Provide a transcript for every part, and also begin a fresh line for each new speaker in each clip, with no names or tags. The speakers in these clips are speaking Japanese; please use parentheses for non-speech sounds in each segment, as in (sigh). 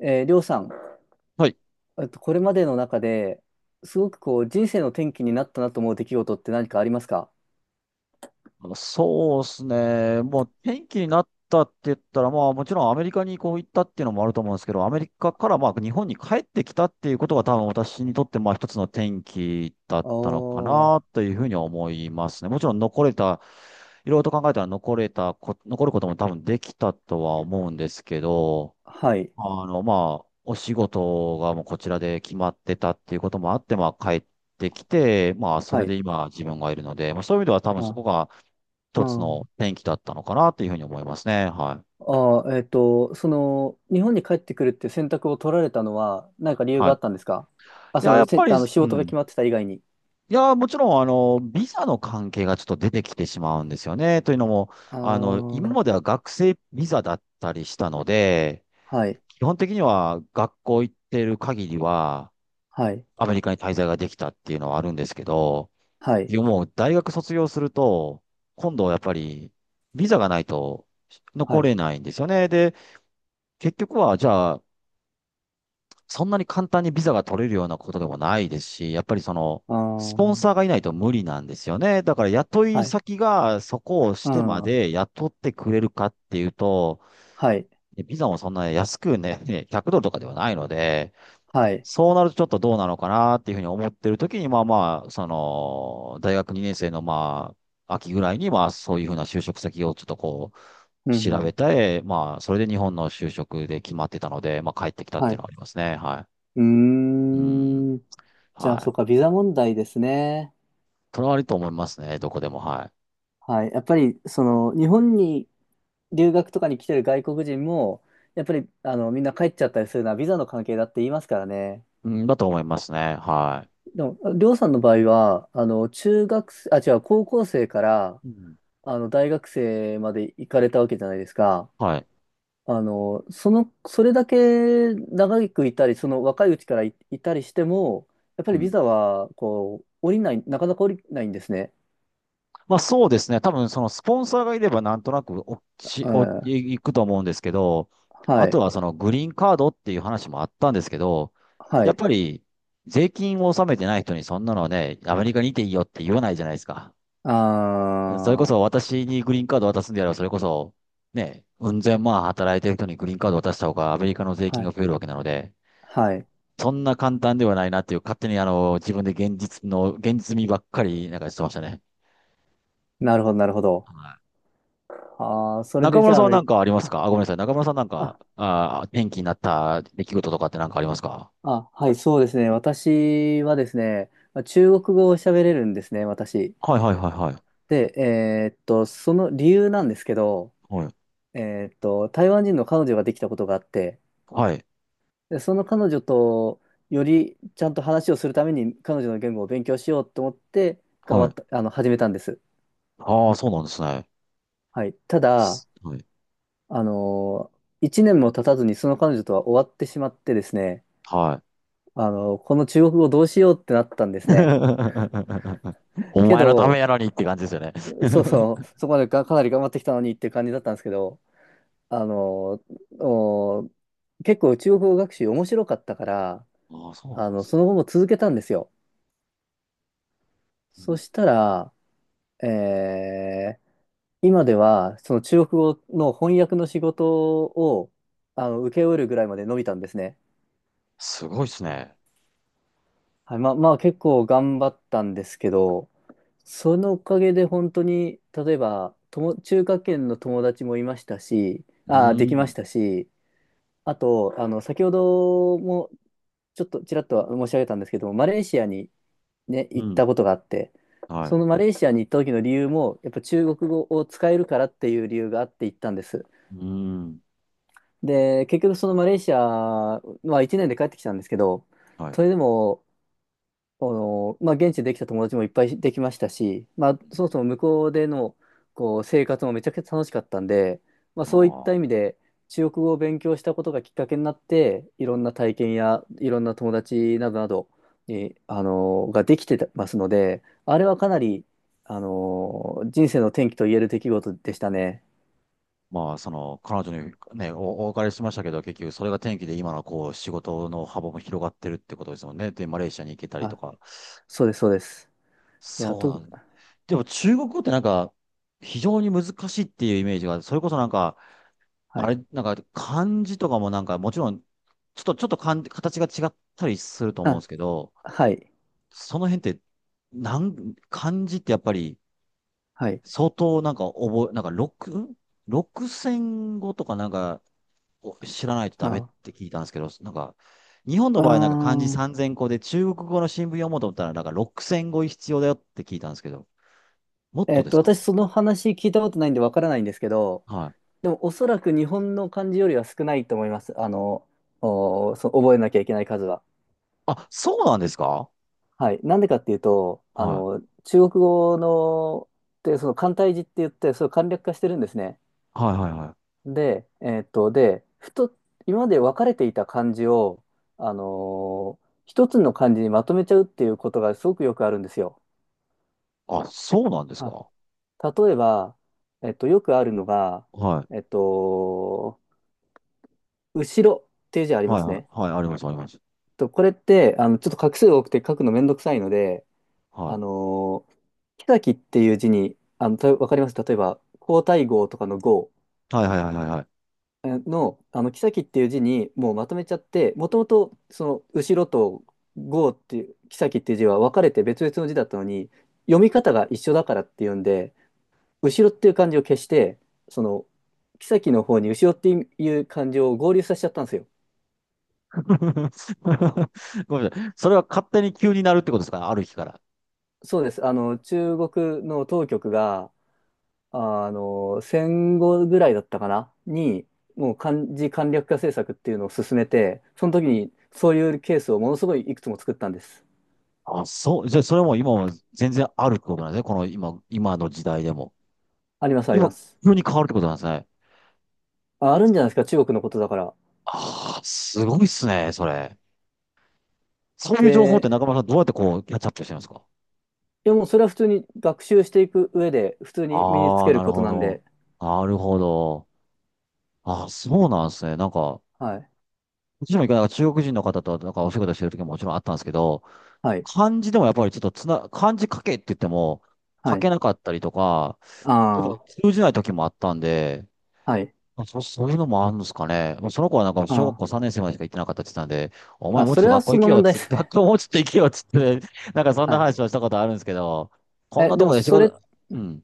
りょうさん、
はい。
これまでの中で、すごくこう、人生の転機になったなと思う出来事って何かありますか？
あのそうですね。もう天気になったって言ったら、まあもちろんアメリカにこう行ったっていうのもあると思うんですけど、アメリカからまあ日本に帰ってきたっていうことが多分私にとってまあ一つの転機だったのか
お
な
ー、
というふうに思いますね。もちろん残れた、いろいろと考えたら残ることも多分できたとは思うんですけど、
はい、
あの、まあ、お仕事がもうこちらで決まってたっていうこともあって、まあ、帰ってきて、まあ、そ
は
れで
い。
今自分がいるので、まあ、そういう意味では多分そ
あ、
こが
う
一つの
ん。
転機だったのかなっていうふうに思いますね。はい。
あー、その、日本に帰ってくるっていう選択を取られたのは、何か理由が
は
あっ
い。
たんですか？あ、
い
そ
や、や
の、
っぱり、
あの、仕
う
事が
ん。
決まってた以外に。
いや、もちろん、あの、ビザの関係がちょっと出てきてしまうんですよね。というのも、
あ
あの、今
ー、
までは学生ビザだったりしたので、
はい、
基本的には学校行ってる限りは、
はい、
アメリカに滞在ができたっていうのはあるんですけど、
はい、
でもう大学卒業すると、今度はやっぱりビザがないと
は
残
い。
れないんですよね。で、結局はじゃあ、そんなに簡単にビザが取れるようなことでもないですし、やっぱりその、
あ
スポンサ
ー、
ーがいないと無理なんですよね。だから雇い
はい、
先がそこをし
う
てま
ん、
で雇ってくれるかっていうと、
はい、
ビザもそんな安くね、100ドルとかではないので、
はい、
そうなるとちょっとどうなのかなっていうふうに思ってる時に、まあまあ、その、大学2年生のまあ、秋ぐらいに、まあそういうふうな就職先をちょっとこう、
うん、う
調べ
ん、
て、まあ、それで日本の就職で決まってたので、まあ帰ってきたっ
は
ていう
い。
のはありますね。は
う
い。うん。
ーん。じゃあ、
は
そう
い。
か、ビザ問題ですね。
それはあると思いますね。どこでも。は
はい。やっぱり、その、日本に留学とかに来てる外国人も、やっぱり、あの、みんな帰っちゃったりするのはビザの関係だって言いますからね。
い。うん、だと思いますね。は
でも、りょうさんの場合は、あの、中学生、あ、違う、高校生から、
い。うん、
あの、大学生まで行かれたわけじゃないですか。
はい。
あの、その、それだけ長くいたり、その若いうちからいたりしても、やっぱ
う
りビ
ん、
ザは、こう、降りない、なかなか降りないんですね。
まあそうですね。多分そのスポンサーがいればなんとなくおし
う
お
ん。
いくと思うんですけど、あ
は
と
い。
はそのグリーンカードっていう話もあったんですけど、
は
やっ
い。
ぱり税金を納めてない人にそんなのね、アメリカにいていいよって言わないじゃないですか。
あ
それこそ
あ、
私にグリーンカード渡すんであれば、それこそね、うん千万働いてる人にグリーンカード渡した方がアメリカの税
は
金が
い、
増えるわけなので、
はい。
そんな簡単ではないなっていう、勝手にあの、自分で現実の、現実味ばっかりなんかしてましたね。
なるほど、なるほど。ああ、それ
中
でじ
村
ゃあ
さ
ア
んは
メリ
何かあります
カ、
か？あ、ごめんなさい。中村さんなん
あ、
か、
あ、
転機になった出来事とかって何かありますか？
はい、そうですね。私はですね、まあ中国語を喋れるんですね、私。
はいはいはいはい。
で、その理由なんですけど、
はい。
台湾人の彼女ができたことがあって、
はい。
で、その彼女とよりちゃんと話をするために彼女の言語を勉強しようと思って、頑
は
張っ
い。
た、始めたんです。
ああ、そうなんですね。
はい。ただ、
すはい。
あの、一年も経たずにその彼女とは終わってしまってですね、
はい。
あの、この中国語どうしようってなったんですね。
(laughs) お
け
前のため
ど、
やのにって感じですよね。
そうそう、そこまでか、かなり頑張ってきたのにって感じだったんですけど、あの、お結構中国語学習面白かったから、
(laughs) ああ、そう
あ
なんで
の、
す
そ
ね。
の後も続けたんですよ。
う
そ
ん、
したら、えー今ではその中国語の翻訳の仕事をあの請け負えるぐらいまで伸びたんですね。
すごいですね。
はい、まあ、まあ結構頑張ったんですけど、そのおかげで本当に、例えば、中華圏の友達もいましたし、
う
でき
ー
ま
ん。
したし、あと、あの、先ほどもちょっとちらっと申し上げたんですけども、マレーシアにね、
う
行っ
ん。
たことがあって、
は
そ
い。
のマレーシアに行った時の理由も、やっぱ中国語を使えるからっていう理由があって行ったんです。
うーん。
で、結局そのマレーシアは1年で帰ってきたんですけど、
はい。
それでもあの、まあ、現地でできた友達もいっぱいできましたし、まあ、そもそも向こうでのこう生活もめちゃくちゃ楽しかったんで、まあ、
あ
そういった意味
あ。
で中国語を勉強したことがきっかけになっていろんな体験やいろんな友達などなどに、あのができてますのであれはかなり、あの人生の転機と言える出来事でしたね。
まあ、その、彼女にね、お別れしましたけど、結局それが転機で今のこう、仕事の幅も広がってるってことですもんね。で、マレーシアに行けたりと
あ、
か。
そうです、そうです。いや、
そうなんで、でも中国語ってなんか、非常に難しいっていうイメージが、それこそなんか、
は
あ
い。
れ、なんか漢字とかもなんか、もちろん、ちょっと漢字形が違ったりすると思うんで
あ、
すけど、
はい、
その辺って、漢字ってやっぱり、
はい。
相当なんかなんか六千語とかなんか、お知らないとダメっ
あ、
て聞いたんですけど、なんか、日本の
あ
場合なんか漢字
ー
3000個で中国語の新聞読もうと思ったらなんか6000語必要だよって聞いたんですけど、もっとですか
私
ね。
その話聞いたことないんでわからないんですけど、
はい。
でもおそらく日本の漢字よりは少ないと思います。あの、覚えなきゃいけない数は。
あ、そうなんですか？
はい。なんでかっていうと、あ
はい。
の、中国語の、で、その簡体字って言って、それを簡略化してるんですね。
はいはいはい。
で、えっと、で、ふと、今まで分かれていた漢字を、あの、一つの漢字にまとめちゃうっていうことがすごくよくあるんですよ。
あ、そうなんです
あ、
か？
例えば、よくあるのが、
はい。
えっと、後ろっていう字ありま
はい
す
はい
ね。
はい。あります、あります。
と、これって、あの、ちょっと画数多くて書くのめんどくさいので、
は
あ
い。
のー、木崎っていう字に、あの、わかります例えば、皇太后とかの号
はいはいはいはいはい。
の、あの、木崎っていう字にもうまとめちゃって、もともと、その、後ろと号っていう、木崎っていう字は分かれて別々の字だったのに、読み方が一緒だからっていうんで、後ろっていう漢字を消して、その、木崎の方に後ろっていう漢字を合流させちゃったんですよ。
(laughs) ごめんなさい。それは勝手に急になるってことですかね、ある日から。
そうです。あの、中国の当局が、あの、戦後ぐらいだったかなに、もう漢字簡略化政策っていうのを進めて、その時にそういうケースをものすごいいくつも作ったんです。
あ、そう。じゃあそれも今も全然あるってことなんですね。この今、今の時代でも。
あります、あり
今、
ます。
急に変わるってことなんですね。
あ、あるんじゃないですか、中国のことだから。
ああ、すごいっすね、それ。そういう情報っ
で、
て中村さんどうやってこう、キャッチアップしてるんですか？
いやもうそれは普通に学習していく上で、普通に身につ
ああー、
ける
なる
こと
ほ
なん
ど。
で、
なるほど。ああ、そうなんですね。なんか、
はい、
私も一回なんか中国人の方となんかお仕事してる時ももちろんあったんですけど、
はい、
漢字でもやっぱりちょっと漢字書けって言っても、書
はい、
けなかったりとか、やっぱ
あ
通じない時もあったんで、
あ、はい、
そういうのもあるんですかね。もうその子はなんか小学
あ
校3年生までしか行ってなかったって言ってたんで、お
あ、
前
あ、
もうち
そ
ょっ
れ
と
は
学校
そ
行
の
けよ
問
っ
題で
つ、(laughs)
す
学
ね。
校もうちょっと行けよっつって、(laughs) なんかそん
は
な
い。
話をしたことあるんですけど、こん
え、
な
で
と
も
こで仕事、うん。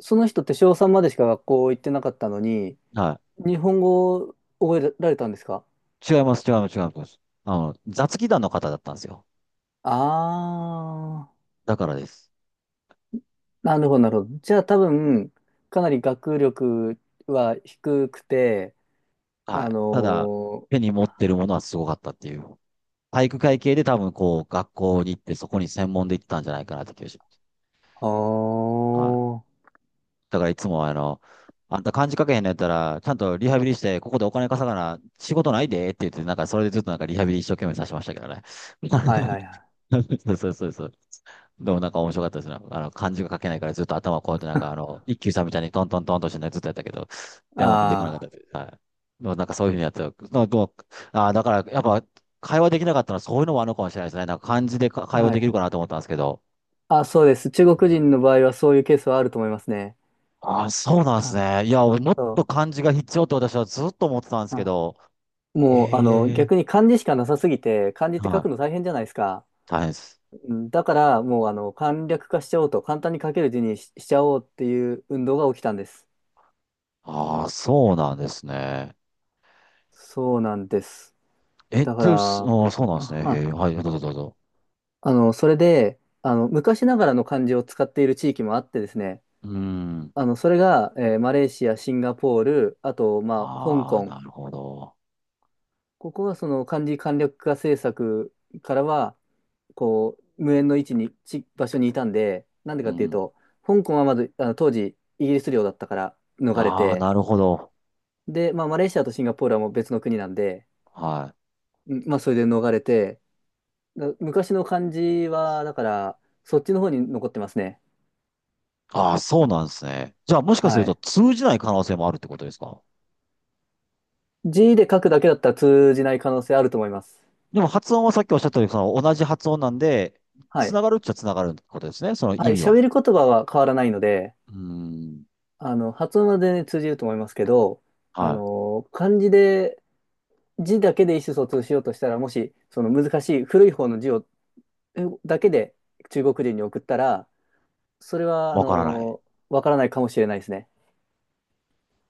その人って小3までしか学校行ってなかったのに、
は
日本語を覚えられたんですか？
い。違います、違います、違います。あの、雑技団の方だったんですよ。
あ
だからです。
ー、なるほど、なるほど。じゃあ多分、かなり学力は低くて、
は
あ
い。ただ、
の
手
ー、
に持ってるものはすごかったっていう。体育会系で多分こう、学校に行ってそこに専門で行ってたんじゃないかなって気がします。はい。だからいつもあの、あんた漢字書けへんのやったら、ちゃんとリハビリして、ここでお金稼がな、仕事ないでって言って、なんかそれでずっとなんかリハビリ一生懸命させてましたけどね。
あー、はいはいはい。
(laughs) そうそうそうそう。でもなんか面白かったですね。あの、漢字が書けないからずっと頭をこうやってなんかあ
(laughs)
の、一休さんみたいにトントントンとしてねずっとやったけど、でも出てこなかっ
あ
たです。はい。でもなんかそういうふうにやってた、でも、だからやっぱ会話できなかったのはそういうのもあるのかもしれないですね。なんか漢字でか
あ、
会話
は
できる
い。
かなと思ったんですけど。
あ、そうです。中
う
国人
ん。
の場合はそういうケースはあると思いますね。
ああ、そうなんです
あ、
ね。いや、俺もっと
そ
漢字が必要って私はずっと思ってたんで
う。
すけ
あ、
ど、
もう、あの、
ええ。
逆に漢字しかなさすぎて、漢字っ
は
て書く
い、
の大変じゃないですか。
大変です。
うんだからもうあの簡略化しちゃおうと簡単に書ける字にしちゃおうっていう運動が起きたんです。
ああ、そうなんですね。
そうなんです。
え、
だか
で、すあ
ら、
ーそうなん
あ、
ですね。へ
は
え、はい、どうぞどうぞ。
あの、それで、あの、昔ながらの漢字を使っている地域もあってですね、
うん。
あの、それが、マレーシア、シンガポール、あと、まあ、香
ああ、
港。
なるほど。
ここはその漢字簡略化政策からは、こう、無縁の位置に、ち、場所にいたんで、なんで
う
かっていう
ん。
と、香港はまず、あの、当時、イギリス領だったから逃れ
ああ、
て、
なるほど。
で、まあ、マレーシアとシンガポールはもう別の国なんで、
はい。
うんまあ、それで逃れて、昔の漢字は、だから、そっちの方に残ってますね。
ああ、そうなんですね。じゃあ、もしかする
は
と
い。
通じない可能性もあるってことですか？
字で書くだけだったら通じない可能性あると思います。
でも発音はさっきおっしゃったように、その同じ発音なんで、
は
つ
い。
ながるっちゃつながるってことですね。その
は
意
い。
味は。
喋る言葉は変わらないので、
うーん。
あの、発音は全然通じると思いますけど、あ
はい。
の、漢字で、字だけで意思疎通しようとしたら、もし、その難しい古い方の字を、だけで中国人に送ったら、それは、あ
わからない。
の、わからないかもしれないですね。